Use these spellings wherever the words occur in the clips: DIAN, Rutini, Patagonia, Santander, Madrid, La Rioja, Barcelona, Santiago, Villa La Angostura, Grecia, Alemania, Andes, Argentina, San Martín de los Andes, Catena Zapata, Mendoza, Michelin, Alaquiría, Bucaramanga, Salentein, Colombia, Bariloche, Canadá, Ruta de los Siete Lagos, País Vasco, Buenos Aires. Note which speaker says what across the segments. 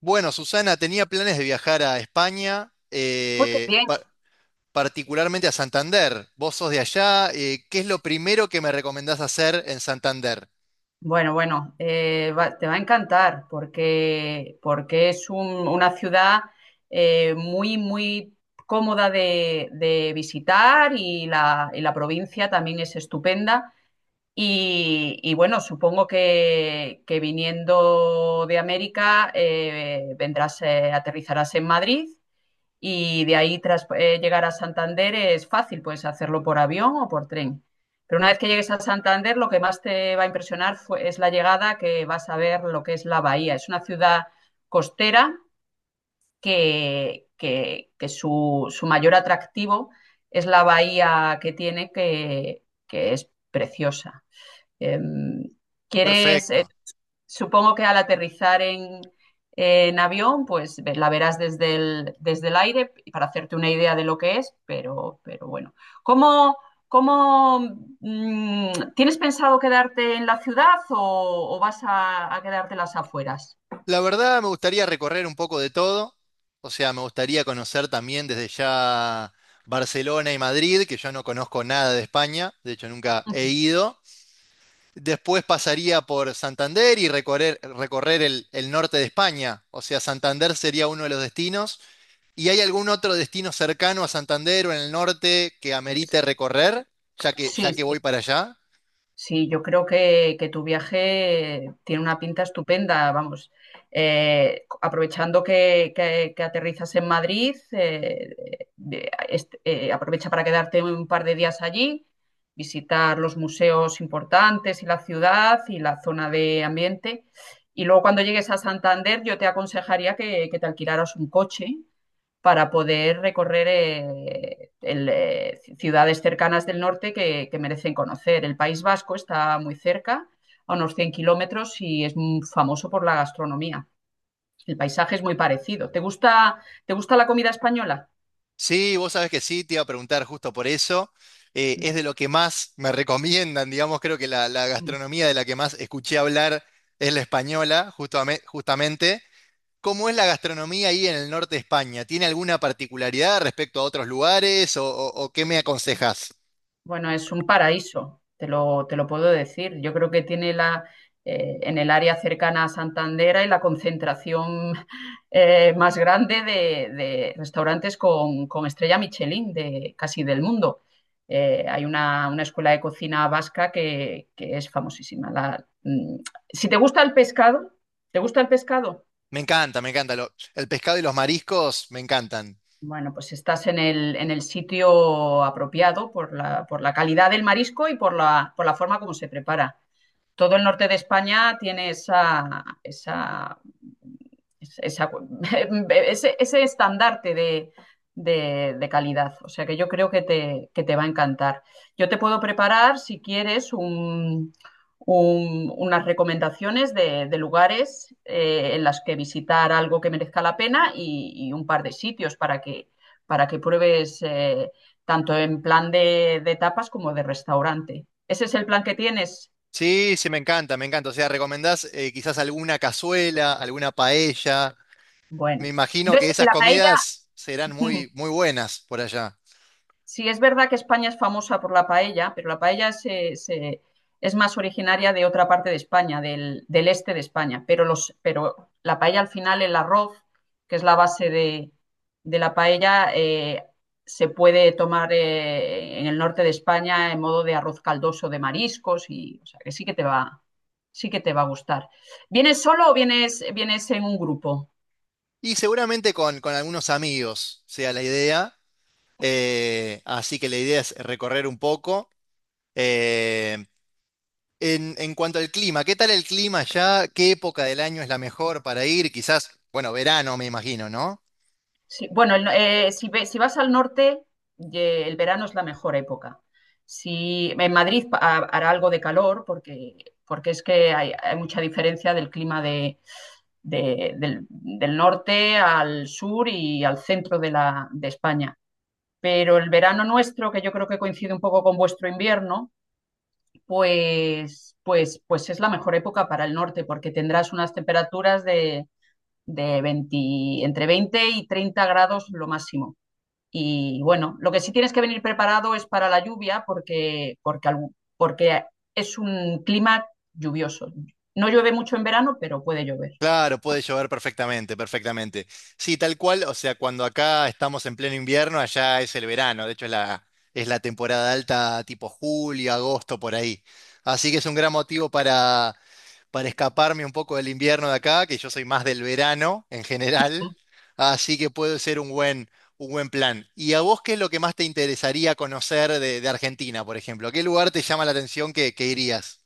Speaker 1: Bueno, Susana, tenía planes de viajar a España,
Speaker 2: Uy, qué bien.
Speaker 1: particularmente a Santander. Vos sos de allá, ¿qué es lo primero que me recomendás hacer en Santander?
Speaker 2: Bueno, bueno, te va a encantar porque es una ciudad muy, muy cómoda de visitar, y la provincia también es estupenda. Y bueno, supongo que viniendo de América, vendrás, aterrizarás en Madrid. Y de ahí, tras llegar a Santander, es fácil, puedes hacerlo por avión o por tren. Pero una vez que llegues a Santander, lo que más te va a impresionar es la llegada: que vas a ver lo que es la bahía. Es una ciudad costera que su mayor atractivo es la bahía que tiene, que es preciosa. Em, ¿quieres, eh,
Speaker 1: Perfecto.
Speaker 2: Supongo que al aterrizar en avión, pues la verás desde el aire para hacerte una idea de lo que es? Pero bueno. ¿Cómo, cómo, tienes pensado quedarte en la ciudad o vas a quedarte en las afueras?
Speaker 1: La verdad, me gustaría recorrer un poco de todo. O sea, me gustaría conocer también desde ya Barcelona y Madrid, que yo no conozco nada de España, de hecho nunca he
Speaker 2: Ujú.
Speaker 1: ido. Después pasaría por Santander y recorrer el norte de España. O sea, Santander sería uno de los destinos. ¿Y hay algún otro destino cercano a Santander o en el norte que amerite recorrer,
Speaker 2: Sí,
Speaker 1: ya que voy para allá?
Speaker 2: sí, yo creo que tu viaje tiene una pinta estupenda, vamos. Aprovechando que, que- aterrizas en Madrid, aprovecha para quedarte un par de días allí, visitar los museos importantes y la ciudad y la zona de ambiente. Y luego cuando llegues a Santander, yo te aconsejaría que te alquilaras un coche para poder recorrer ciudades cercanas del norte que merecen conocer. El País Vasco está muy cerca, a unos 100 kilómetros, y es muy famoso por la gastronomía. El paisaje es muy parecido. Te gusta la comida española?
Speaker 1: Sí, vos sabés que sí, te iba a preguntar justo por eso. Es de lo que más me recomiendan, digamos, creo que la gastronomía de la que más escuché hablar es la española, justamente. ¿Cómo es la gastronomía ahí en el norte de España? ¿Tiene alguna particularidad respecto a otros lugares o qué me aconsejas?
Speaker 2: Bueno, es un paraíso, te lo puedo decir. Yo creo que en el área cercana a Santander hay la concentración más grande de restaurantes con estrella Michelin de casi del mundo. Hay una escuela de cocina vasca que es famosísima. Si te gusta el pescado, ¿te gusta el pescado?
Speaker 1: Me encanta, me encanta. Lo- el pescado y los mariscos me encantan.
Speaker 2: Bueno, pues estás en el en el sitio apropiado por la calidad del marisco y por la forma como se prepara. Todo el norte de España tiene esa, esa ese estandarte de de calidad. O sea que yo creo que te que te va a encantar. Yo te puedo preparar, si quieres, unas recomendaciones de lugares en las que visitar algo que merezca la pena, y un par de sitios para que pruebes, tanto en plan de tapas como de restaurante. ¿Ese es el plan que tienes?
Speaker 1: Sí, sí, me encanta, me encanta. O sea, ¿recomendás quizás alguna cazuela, alguna paella?
Speaker 2: Bueno,
Speaker 1: Me imagino
Speaker 2: no es
Speaker 1: que esas
Speaker 2: la paella.
Speaker 1: comidas serán muy, muy buenas por allá.
Speaker 2: Sí es verdad que España es famosa por la paella, pero la paella es más originaria de otra parte de España, del del este de España. Pero pero la paella al final, el arroz, que es la base de la paella, se puede tomar en el norte de España en modo de arroz caldoso de mariscos, y o sea, que sí que te va a gustar. ¿Vienes solo o vienes en un grupo?
Speaker 1: Y seguramente con algunos amigos sea la idea. Así que la idea es recorrer un poco. Eh, en cuanto al clima, ¿qué tal el clima allá? ¿Qué época del año es la mejor para ir? Quizás, bueno, verano, me imagino, ¿no?
Speaker 2: Sí, bueno, el no- si, ve- si vas al norte, el verano es la mejor época. Si en Madrid hará algo de calor, porque porque es que hay mucha diferencia del clima del norte al sur y al centro de de España. Pero el verano nuestro, que yo creo que coincide un poco con vuestro invierno, pues, pues, pues es la mejor época para el norte, porque tendrás unas temperaturas de, de 20 entre 20 y 30 grados lo máximo. Y bueno, lo que sí tienes que venir preparado es para la lluvia, porque porque, porque es un clima lluvioso. No llueve mucho en verano, pero puede llover.
Speaker 1: Claro, puede llover perfectamente, perfectamente. Sí, tal cual, o sea, cuando acá estamos en pleno invierno, allá es el verano, de hecho es la temporada alta tipo julio, agosto, por ahí. Así que es un gran motivo para escaparme un poco del invierno de acá, que yo soy más del verano en general, así que puede ser un buen plan. ¿Y a vos qué es lo que más te interesaría conocer de Argentina, por ejemplo? ¿Qué lugar te llama la atención que irías?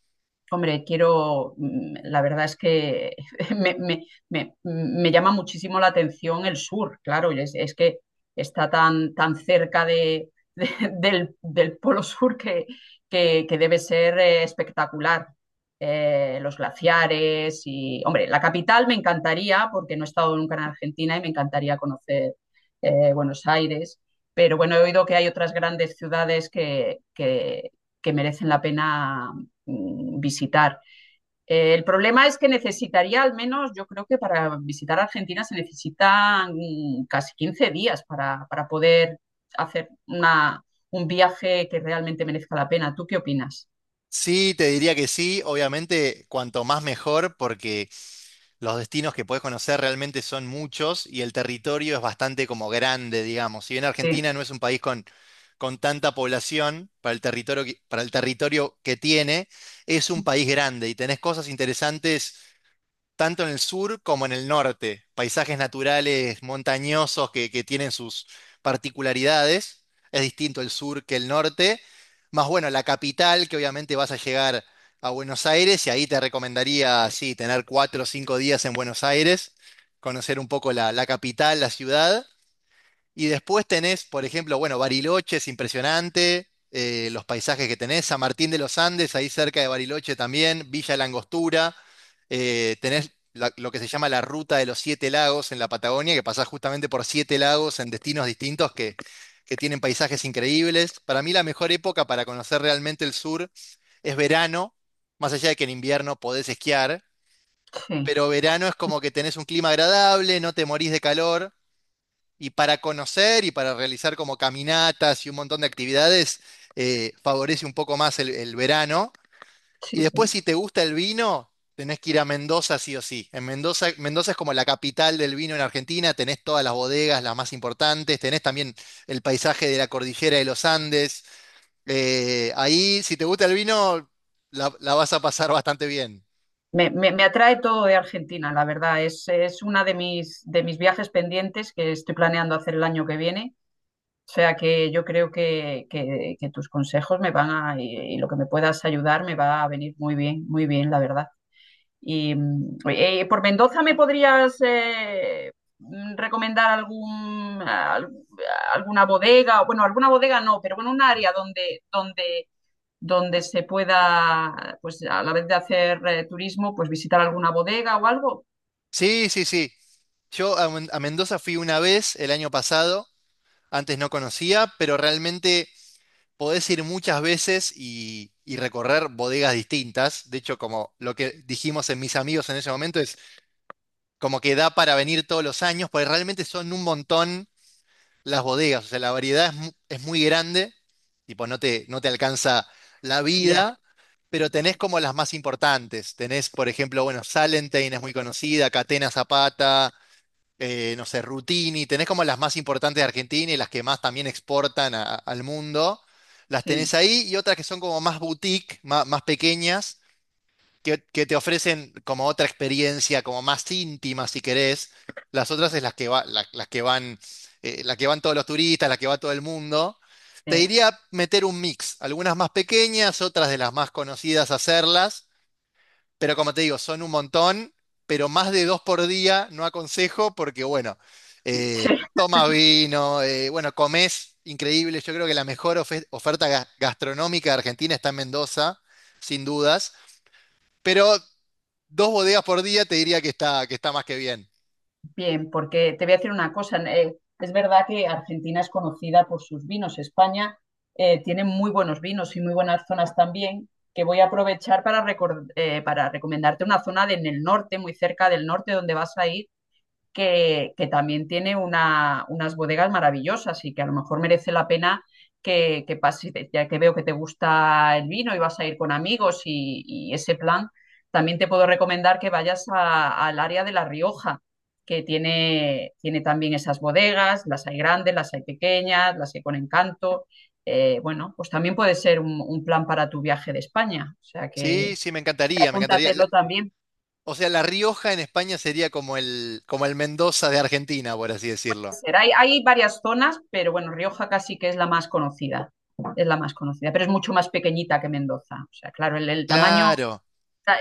Speaker 2: Hombre, la verdad es que me llama muchísimo la atención el sur, claro, es que está tan, tan cerca de del Polo Sur, que debe ser espectacular. Los glaciares, y hombre, la capital me encantaría, porque no he estado nunca en Argentina y me encantaría conocer Buenos Aires. Pero bueno, he oído que hay otras grandes ciudades que que merecen la pena visitar. El problema es que necesitaría al menos, yo creo que para visitar Argentina se necesitan casi 15 días para poder hacer un viaje que realmente merezca la pena. ¿Tú qué opinas?
Speaker 1: Sí, te diría que sí. Obviamente, cuanto más mejor, porque los destinos que puedes conocer realmente son muchos y el territorio es bastante como grande, digamos. Si bien
Speaker 2: Sí,
Speaker 1: Argentina no es un país con tanta población para el para el territorio que tiene, es un país grande y tenés cosas interesantes tanto en el sur como en el norte. Paisajes naturales montañosos que tienen sus particularidades. Es distinto el sur que el norte. Más bueno, la capital, que obviamente vas a llegar a Buenos Aires y ahí te recomendaría, sí, tener cuatro o cinco días en Buenos Aires, conocer un poco la capital, la ciudad. Y después tenés, por ejemplo, bueno, Bariloche es impresionante, los paisajes que tenés, San Martín de los Andes, ahí cerca de Bariloche también, Villa La Angostura, tenés la- lo que se llama la Ruta de los Siete Lagos en la Patagonia, que pasás justamente por siete lagos en destinos distintos que tienen paisajes increíbles. Para mí la mejor época para conocer realmente el sur es verano, más allá de que en invierno podés esquiar,
Speaker 2: sí,
Speaker 1: pero verano es como que tenés un clima agradable, no te morís de calor. Y para conocer y para realizar como caminatas y un montón de actividades, favorece un poco más el verano.
Speaker 2: sí.
Speaker 1: Y después,
Speaker 2: Sí.
Speaker 1: si te gusta el vino, tenés que ir a Mendoza sí o sí. En Mendoza, Mendoza es como la capital del vino en Argentina, tenés todas las bodegas, las más importantes, tenés también el paisaje de la cordillera de los Andes. Ahí, si te gusta el vino, la vas a pasar bastante bien.
Speaker 2: Me me, me, atrae todo de Argentina, la verdad. Es una de mis viajes pendientes, que estoy planeando hacer el año que viene. O sea que yo creo que que tus consejos y lo que me puedas ayudar me va a venir muy bien, la verdad. Y por Mendoza me podrías recomendar alguna bodega, bueno, alguna bodega no, pero bueno, un área donde, donde, donde se pueda, pues a la vez de hacer turismo, pues visitar alguna bodega o algo.
Speaker 1: Sí, sí, sí. A Mendoza fui una vez el año pasado, antes no conocía, pero realmente podés ir muchas veces y recorrer bodegas distintas. De hecho, como lo que dijimos en mis amigos en ese momento, es como que da para venir todos los años, porque realmente son un montón las bodegas, o sea, la variedad es muy grande, tipo, no te alcanza la
Speaker 2: Ya,
Speaker 1: vida, pero tenés como las más importantes. Tenés, por ejemplo, bueno, Salentein es muy conocida, Catena Zapata, no sé, Rutini, tenés como las más importantes de Argentina y las que más también exportan al mundo. Las tenés
Speaker 2: sí.
Speaker 1: ahí y otras que son como más boutique, más pequeñas que te ofrecen como otra experiencia, como más íntima, si querés. Las otras es las que van, la que van todos los turistas, la que va todo el mundo. Te
Speaker 2: Eh.
Speaker 1: diría meter un mix, algunas más pequeñas, otras de las más conocidas hacerlas, pero como te digo, son un montón, pero más de dos por día no aconsejo porque, bueno, tomas vino, bueno, comes increíble. Yo creo que la mejor oferta gastronómica de Argentina está en Mendoza, sin dudas. Pero dos bodegas por día, te diría que que está más que bien.
Speaker 2: Bien, porque te voy a decir una cosa. Es verdad que Argentina es conocida por sus vinos. España tiene muy buenos vinos y muy buenas zonas también, que voy a aprovechar para, para recomendarte una zona en el norte, muy cerca del norte, donde vas a ir, que también tiene unas bodegas maravillosas, y que a lo mejor merece la pena que pases, ya que veo que te gusta el vino y vas a ir con amigos, y ese plan. También te puedo recomendar que vayas al área de La Rioja, que tiene, tiene también esas bodegas; las hay grandes, las hay pequeñas, las hay con encanto. Bueno, pues también puede ser un plan para tu viaje de España, o sea
Speaker 1: Sí,
Speaker 2: que
Speaker 1: sí, me encantaría, me encantaría. La...
Speaker 2: apúntatelo también.
Speaker 1: O sea, La Rioja en España sería como el Mendoza de Argentina, por así decirlo.
Speaker 2: Ser. Hay varias zonas, pero bueno, Rioja casi que es la más conocida. Es la más conocida, pero es mucho más pequeñita que Mendoza. O sea, claro, el tamaño,
Speaker 1: Claro,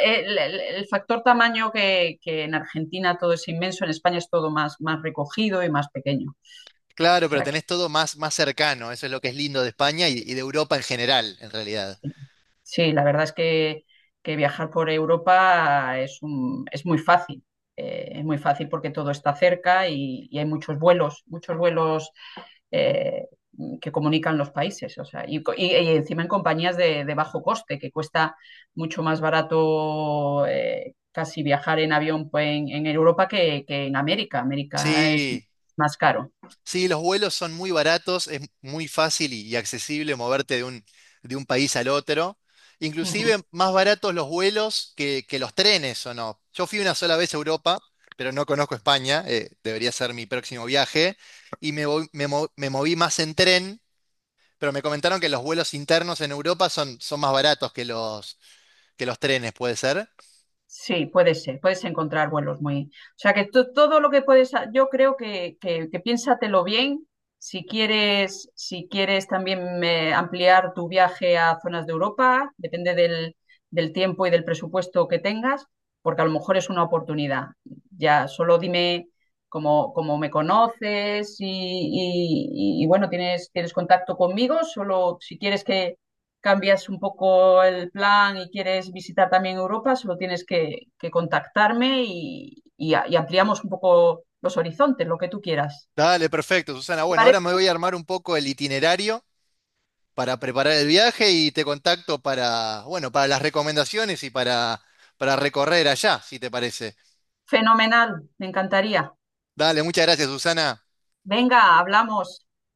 Speaker 2: el factor tamaño, en Argentina todo es inmenso, en España es todo más más recogido y más pequeño. O
Speaker 1: claro, pero
Speaker 2: sea que
Speaker 1: tenés todo más, más cercano. Eso es lo que es lindo de España y de Europa en general, en realidad.
Speaker 2: sí. Sí, la verdad es que viajar por Europa es muy fácil. Es muy fácil porque todo está cerca, y hay muchos vuelos eh, que comunican los países. O sea, y y encima en compañías de bajo coste, que cuesta mucho más barato, casi viajar en avión pues en Europa que en América. América es
Speaker 1: Sí.
Speaker 2: más caro.
Speaker 1: Sí, los vuelos son muy baratos, es muy fácil y accesible moverte de un país al otro.
Speaker 2: Ujú.
Speaker 1: Inclusive más baratos los vuelos que los trenes, ¿o no? Yo fui una sola vez a Europa, pero no conozco España, debería ser mi próximo viaje, y me, voy- me mo- me moví más en tren, pero me comentaron que los vuelos internos en Europa son más baratos que que los trenes, ¿puede ser?
Speaker 2: Sí, puede ser, puedes encontrar vuelos muy. O sea, que todo lo que puedes, yo creo que que piénsatelo bien. Si quieres, si quieres también ampliar tu viaje a zonas de Europa, depende del, del tiempo y del presupuesto que tengas, porque a lo mejor es una oportunidad. Ya, solo dime cómo cómo me conoces, y y, bueno, tienes, tienes contacto conmigo. Solo si quieres que cambias un poco el plan y quieres visitar también Europa, solo tienes que contactarme y y ampliamos un poco los horizontes, lo que tú quieras.
Speaker 1: Dale, perfecto, Susana.
Speaker 2: ¿Te
Speaker 1: Bueno, ahora
Speaker 2: parece?
Speaker 1: me voy a armar un poco el itinerario para preparar el viaje y te contacto para, bueno, para las recomendaciones y para recorrer allá, si te parece.
Speaker 2: Fenomenal, me encantaría.
Speaker 1: Dale, muchas gracias, Susana.
Speaker 2: Venga, hablamos.